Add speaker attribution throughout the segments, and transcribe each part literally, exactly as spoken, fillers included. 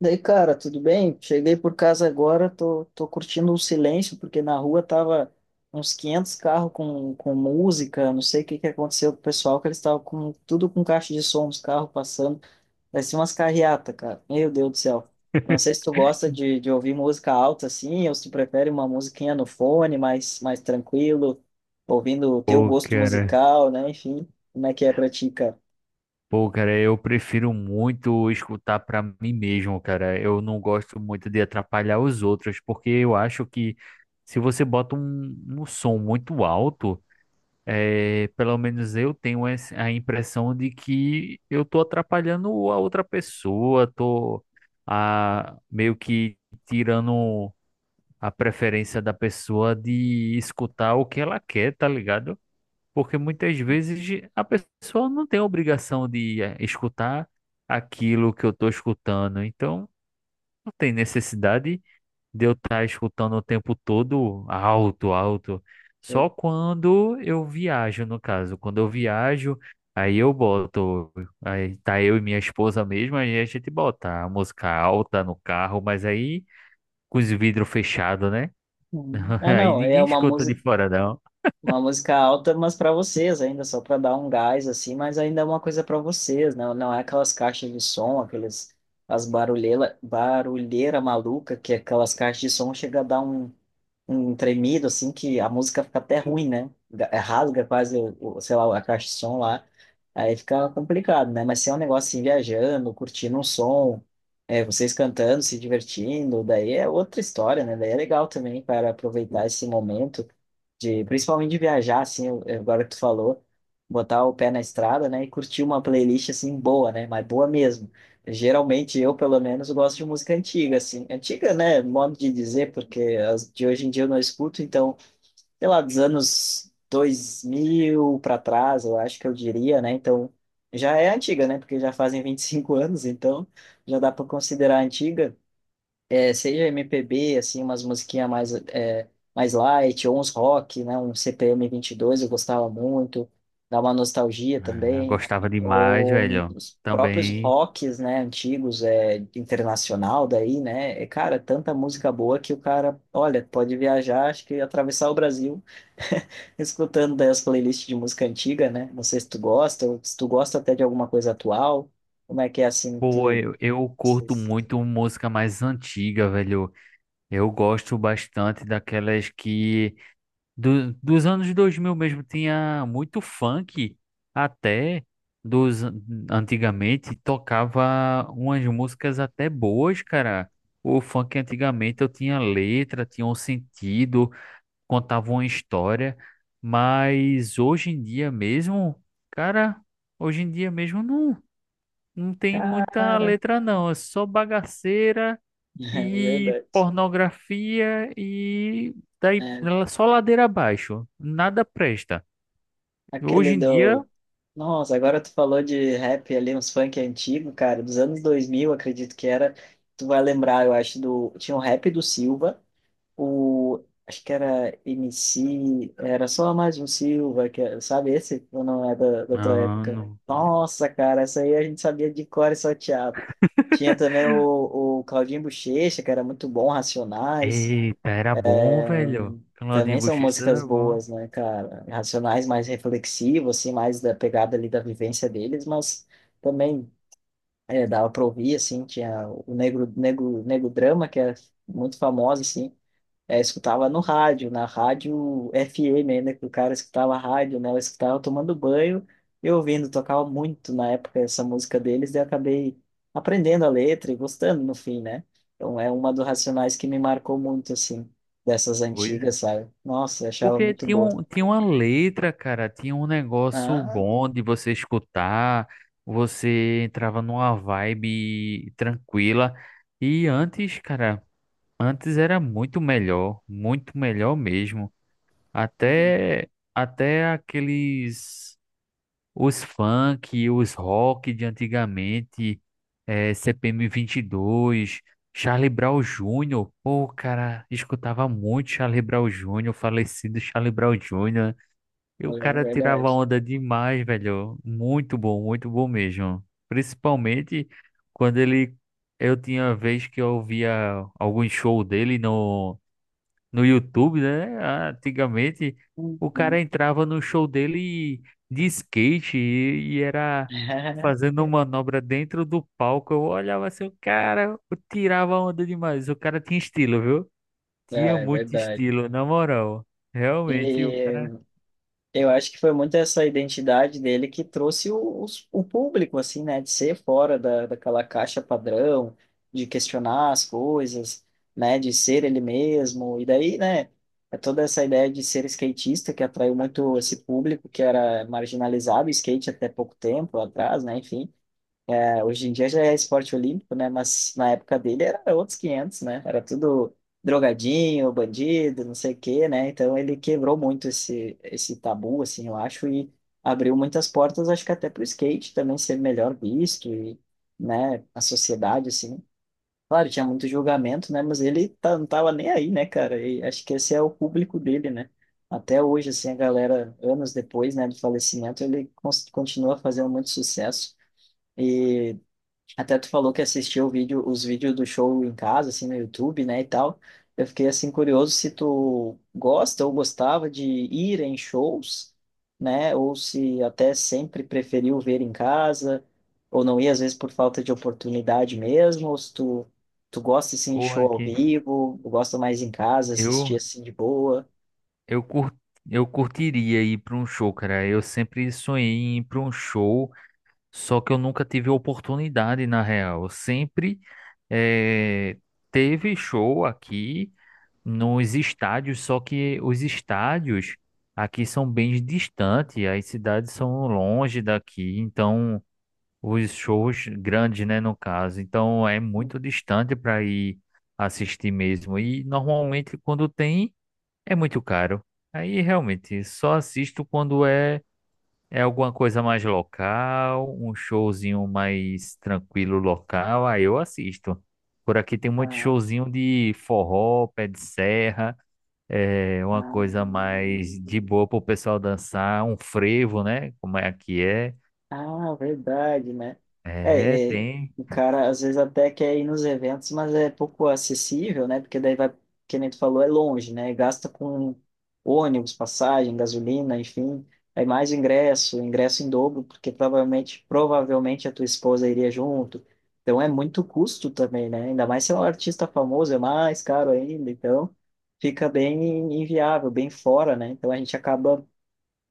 Speaker 1: Daí, cara, tudo bem? Cheguei por casa agora, tô, tô curtindo o silêncio, porque na rua tava uns quinhentos carros com, com música, não sei o que que aconteceu com o pessoal, que eles estavam com tudo com caixa de som, os carros passando, parecia umas carreata, cara. Meu Deus do céu. Não sei se tu gosta de, de ouvir música alta assim, ou se tu prefere uma musiquinha no fone, mais, mais tranquilo, ouvindo o teu
Speaker 2: Pô,
Speaker 1: gosto
Speaker 2: cara.
Speaker 1: musical, né? Enfim, como é que é pra ti, cara?
Speaker 2: Pô, cara, eu prefiro muito escutar pra mim mesmo, cara. Eu não gosto muito de atrapalhar os outros, porque eu acho que se você bota um, um som muito alto, é, pelo menos eu tenho essa- a impressão de que eu tô atrapalhando a outra pessoa, tô ah, meio que tirando a preferência da pessoa de escutar o que ela quer, tá ligado? Porque muitas vezes a pessoa não tem a obrigação de eh, escutar aquilo que eu estou escutando. Então, não tem necessidade de eu estar escutando o tempo todo alto, alto. Só quando eu viajo, no caso. Quando eu viajo, aí eu boto. Aí tá eu e minha esposa mesmo, aí a gente bota a música alta no carro, mas aí com os vidros fechados, né?
Speaker 1: Uhum. Ah,
Speaker 2: Aí
Speaker 1: não, é
Speaker 2: ninguém
Speaker 1: uma
Speaker 2: escuta de
Speaker 1: música.
Speaker 2: fora, não.
Speaker 1: Uma música alta, mas para vocês ainda, só para dar um gás assim, mas ainda é uma coisa para vocês, não, não é aquelas caixas de som, aqueles as barulheira, barulheira maluca, que aquelas caixas de som chega a dar um, um tremido assim que a música fica até ruim, né? Ga- é, Rasga quase, o, o- sei lá, a caixa de som lá. Aí fica complicado, né? Mas se é um negócio assim, viajando, curtindo um som, é, vocês cantando, se divertindo, daí é outra história, né? Daí é legal também para aproveitar esse momento de principalmente de viajar, assim, eu- eu- agora que tu falou, botar o pé na estrada, né, e curtir uma playlist, assim, boa, né, mas boa mesmo. Geralmente eu, pelo menos, gosto de música antiga, assim, antiga, né, modo de dizer, porque as de hoje em dia eu não escuto, então, sei lá, dos anos dois mil para trás, eu acho que eu diria, né, então, já é antiga, né, porque já fazem vinte e cinco anos, então, já dá para considerar antiga, é, seja M P B, assim, umas musiquinhas mais, é, mais light, ou uns rock, né? Um CPM dois eu gostava muito, dá uma nostalgia
Speaker 2: Ah,
Speaker 1: também.
Speaker 2: gostava demais,
Speaker 1: Ou
Speaker 2: velho.
Speaker 1: os próprios
Speaker 2: Também.
Speaker 1: rocks, né, antigos, é, internacional daí, né? É, cara, tanta música boa que o cara, olha, pode viajar, acho que atravessar o Brasil escutando daí as playlists de música antiga, né? Não sei se tu gosta, ou se tu gosta até de alguma coisa atual, como é que é assim, tu...
Speaker 2: Pô, eu, eu curto
Speaker 1: vocês-
Speaker 2: muito música mais antiga, velho. Eu gosto bastante daquelas que do- dos anos dois mil mesmo tinha muito funk, até dos antigamente tocava umas músicas até boas, cara. O funk antigamente eu tinha letra, tinha um sentido, contava uma história, mas hoje em dia mesmo, cara, hoje em dia mesmo não. Não tem muita
Speaker 1: Cara,
Speaker 2: letra, não. É só bagaceira
Speaker 1: é
Speaker 2: e
Speaker 1: verdade.
Speaker 2: pornografia e daí
Speaker 1: É,
Speaker 2: ela só ladeira abaixo. Nada presta.
Speaker 1: aquele
Speaker 2: Hoje em dia.
Speaker 1: do. Nossa, agora tu falou de rap ali, uns funk antigo, cara, dos anos dois mil acredito que era. Tu vai lembrar, eu acho, do. Tinha o rap do Silva, o. Acho que era M C, era só mais um Silva, que é- sabe esse? Ou não é da, da tua
Speaker 2: Ah,
Speaker 1: época?
Speaker 2: não.
Speaker 1: Nossa, cara, essa aí a gente sabia de cor e salteado. Tinha também o, o Claudinho Bochecha, que era muito bom, Racionais.
Speaker 2: Eita, era bom, velho. Claudinho
Speaker 1: Também são
Speaker 2: Buchecha
Speaker 1: músicas
Speaker 2: era bom.
Speaker 1: boas, né, cara? Racionais mais reflexivo, assim, mais da pegada ali da vivência deles, mas também é, dava pra ouvir, assim, tinha o Negro, Negro, Negro Drama, que é muito famosa, assim, é, escutava no rádio, na rádio efe eme ainda, que o cara escutava rádio, né? Eu escutava tomando banho e ouvindo, tocava muito na época essa música deles, e eu acabei aprendendo a letra e gostando no fim, né? Então é uma dos Racionais que me marcou muito, assim, dessas antigas,
Speaker 2: Coisa.
Speaker 1: sabe? Nossa, eu achava
Speaker 2: Porque
Speaker 1: muito
Speaker 2: tinha,
Speaker 1: boa.
Speaker 2: um, tinha uma letra, cara. Tinha um negócio
Speaker 1: Ah,
Speaker 2: bom de você escutar. Você entrava numa vibe tranquila. E antes, cara. Antes era muito melhor, muito melhor mesmo.
Speaker 1: uhum,
Speaker 2: Até até aqueles os funk, os rock de antigamente, eh, C P M vinte e dois, Charlie Brown júnior Pô, cara, escutava muito Charlie Brown júnior, falecido Charlie Brown júnior E o
Speaker 1: é
Speaker 2: cara tirava
Speaker 1: verdade.
Speaker 2: onda demais, velho. Muito bom, muito bom mesmo. Principalmente quando ele eu tinha uma vez que eu via algum show dele no no YouTube, né? Antigamente, o cara
Speaker 1: Uhum.
Speaker 2: entrava no show dele de skate e, e era fazendo manobra dentro do palco. Eu olhava assim, o cara eu tirava onda demais. O cara tinha estilo, viu?
Speaker 1: Ah,
Speaker 2: Tinha
Speaker 1: é
Speaker 2: muito
Speaker 1: verdade.
Speaker 2: estilo, na moral. Realmente, o cara.
Speaker 1: E eu acho que foi muito essa identidade dele que trouxe o, os- o público, assim, né? De ser fora da, daquela caixa padrão, de questionar as coisas, né? De ser ele mesmo. E daí, né? É toda essa ideia de ser skatista que atraiu muito esse público que era marginalizado, o skate até pouco tempo atrás, né? Enfim. É, hoje em dia já é esporte olímpico, né? Mas na época dele era outros quinhentos, né? Era tudo drogadinho, bandido, não sei o quê, né? Então ele quebrou muito esse, esse tabu, assim, eu acho, e abriu muitas portas, acho que até para o skate também ser melhor visto e, né, a sociedade, assim. Claro, tinha muito julgamento, né? Mas ele tá, não tava nem aí, né, cara? E acho que esse é o público dele, né? Até hoje, assim, a galera, anos depois, né, do falecimento, ele cons- continua fazendo muito sucesso. E até tu falou que assistiu o vídeo, os vídeos do show em casa, assim, no YouTube, né, e tal. Eu fiquei, assim, curioso se tu gosta ou gostava de ir em shows, né, ou se até sempre preferiu ver em casa, ou não ia, às vezes, por falta de oportunidade mesmo, ou se tu, tu gosta, assim, de
Speaker 2: Porra,
Speaker 1: show ao
Speaker 2: aqui.
Speaker 1: vivo, ou gosta mais em casa,
Speaker 2: Eu,
Speaker 1: assistir, assim, de boa.
Speaker 2: eu, cur... eu curtiria ir pra um show, cara. Eu sempre sonhei em ir pra um show. Só que eu nunca tive oportunidade, na real. Sempre eh, teve show aqui nos estádios, só que os estádios aqui são bem distantes, as cidades são longe daqui, então os shows grandes, né, no caso. Então é muito distante para ir assistir mesmo. E normalmente quando tem, é muito caro. Aí realmente só assisto quando é. É alguma coisa mais local, um showzinho mais tranquilo local, aí eu assisto. Por aqui tem muito
Speaker 1: Ah,
Speaker 2: showzinho de forró, pé de serra, é uma
Speaker 1: ah.
Speaker 2: coisa mais de boa pro pessoal dançar, um frevo, né? Como é que é?
Speaker 1: Ah, verdade, né?
Speaker 2: É,
Speaker 1: É, é,
Speaker 2: tem.
Speaker 1: o cara às vezes até quer ir nos eventos, mas é pouco acessível, né? Porque daí vai, que nem tu falou, é longe, né? Gasta com ônibus, passagem, gasolina, enfim. Aí mais ingresso, ingresso em dobro, porque provavelmente, provavelmente a tua esposa iria junto. Então é muito custo também, né? Ainda mais se é um artista famoso, é mais caro ainda. Então fica bem inviável, bem fora, né? Então a gente acaba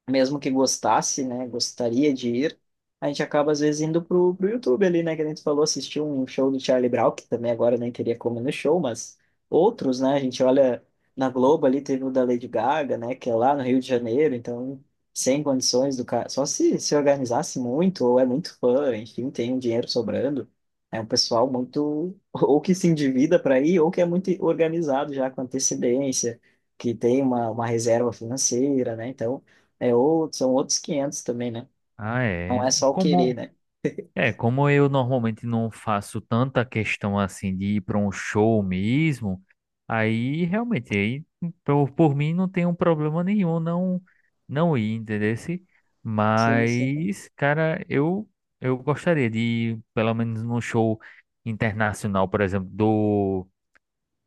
Speaker 1: mesmo que gostasse, né, gostaria de ir, a gente acaba às vezes indo pro, pro YouTube ali, né, que a gente falou, assistiu um show do Charlie Brown, que também agora nem teria como ir no show, mas outros, né, a gente olha na Globo ali, teve o da Lady Gaga, né, que é lá no Rio de Janeiro, então sem condições do cara, só se se organizasse muito, ou é muito fã, enfim, tem um dinheiro sobrando, é um pessoal muito, ou que se endivida para ir, ou que é muito organizado já com antecedência, que tem uma, uma reserva financeira, né, então é outro, são outros quinhentos também, né?
Speaker 2: Ah, é.
Speaker 1: Não é só o
Speaker 2: Como
Speaker 1: querer, né?
Speaker 2: É, como eu normalmente não faço tanta questão assim de ir para um show mesmo, aí realmente aí por, por mim não tem um problema nenhum, não não ir, entendeu?
Speaker 1: Sim, sim.
Speaker 2: Mas, cara, eu eu gostaria de ir pelo menos num show internacional, por exemplo, do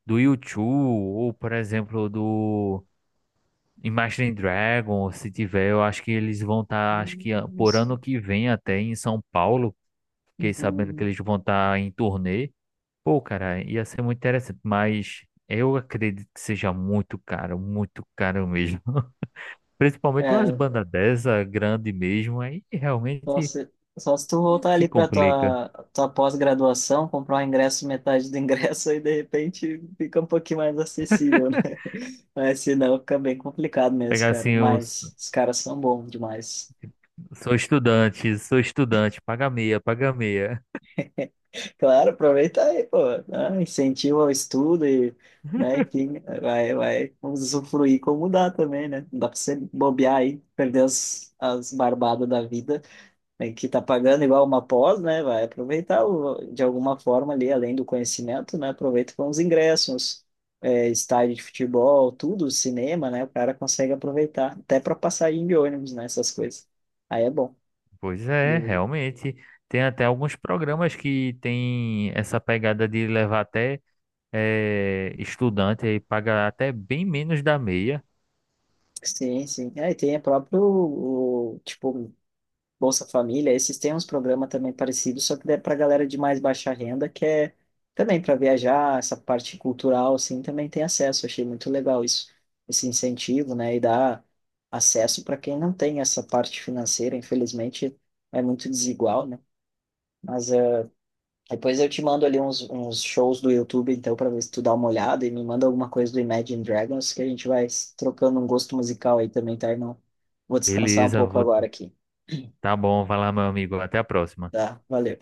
Speaker 2: do U dois, ou por exemplo do Imagine Dragons, se tiver. Eu acho que eles vão estar, acho que ah, por ano que vem até em São Paulo. Fiquei sabendo que
Speaker 1: Uhum.
Speaker 2: eles vão estar em turnê. Pô, cara, ia ser muito interessante, mas eu acredito que seja muito caro, muito caro mesmo. Principalmente umas
Speaker 1: É,
Speaker 2: bandas dessa, grande mesmo, aí
Speaker 1: só
Speaker 2: realmente
Speaker 1: se, só se tu voltar
Speaker 2: que
Speaker 1: ali para
Speaker 2: complica.
Speaker 1: tua, tua pós-graduação, comprar um ingresso, metade do ingresso, aí de repente fica um pouquinho mais acessível, né? Mas senão fica bem complicado mesmo,
Speaker 2: Pegar assim,
Speaker 1: cara.
Speaker 2: eu s-
Speaker 1: Mas os caras são bons demais.
Speaker 2: sou estudante, sou estudante, paga meia, paga meia.
Speaker 1: Claro, aproveita aí, pô, né? Incentiva o estudo e, né, quem vai, vai usufruir como dá também, né? Não dá pra você bobear aí, perder as, as barbadas da vida, né, que tá pagando igual uma pós, né? Vai aproveitar o- de alguma forma ali, além do conhecimento, né? Aproveita com os ingressos, é, estádio de futebol, tudo, cinema, né? O cara consegue aproveitar, até para passagem de ônibus, né? Essas coisas. Aí é bom.
Speaker 2: Pois é,
Speaker 1: E-
Speaker 2: realmente. Tem até alguns programas que tem essa pegada de levar até eh, estudante e paga até bem menos da meia.
Speaker 1: Sim, sim. É, e tem a próprio, o, tipo, Bolsa Família, esses têm uns programas também parecidos, só que é para galera de mais baixa renda, que é também para viajar, essa parte cultural, assim, também tem acesso. Eu achei muito legal isso, esse incentivo, né? E dá acesso para quem não tem essa parte financeira, infelizmente é muito desigual, né? Mas eh, depois eu te mando ali uns, uns shows do YouTube, então, para ver se tu dá uma olhada e me manda alguma coisa do Imagine Dragons, que a gente vai trocando um gosto musical aí também, tá, irmão? Vou descansar um
Speaker 2: Beleza,
Speaker 1: pouco agora aqui,
Speaker 2: tá bom, vai lá, meu amigo. Até a próxima.
Speaker 1: tá? Valeu.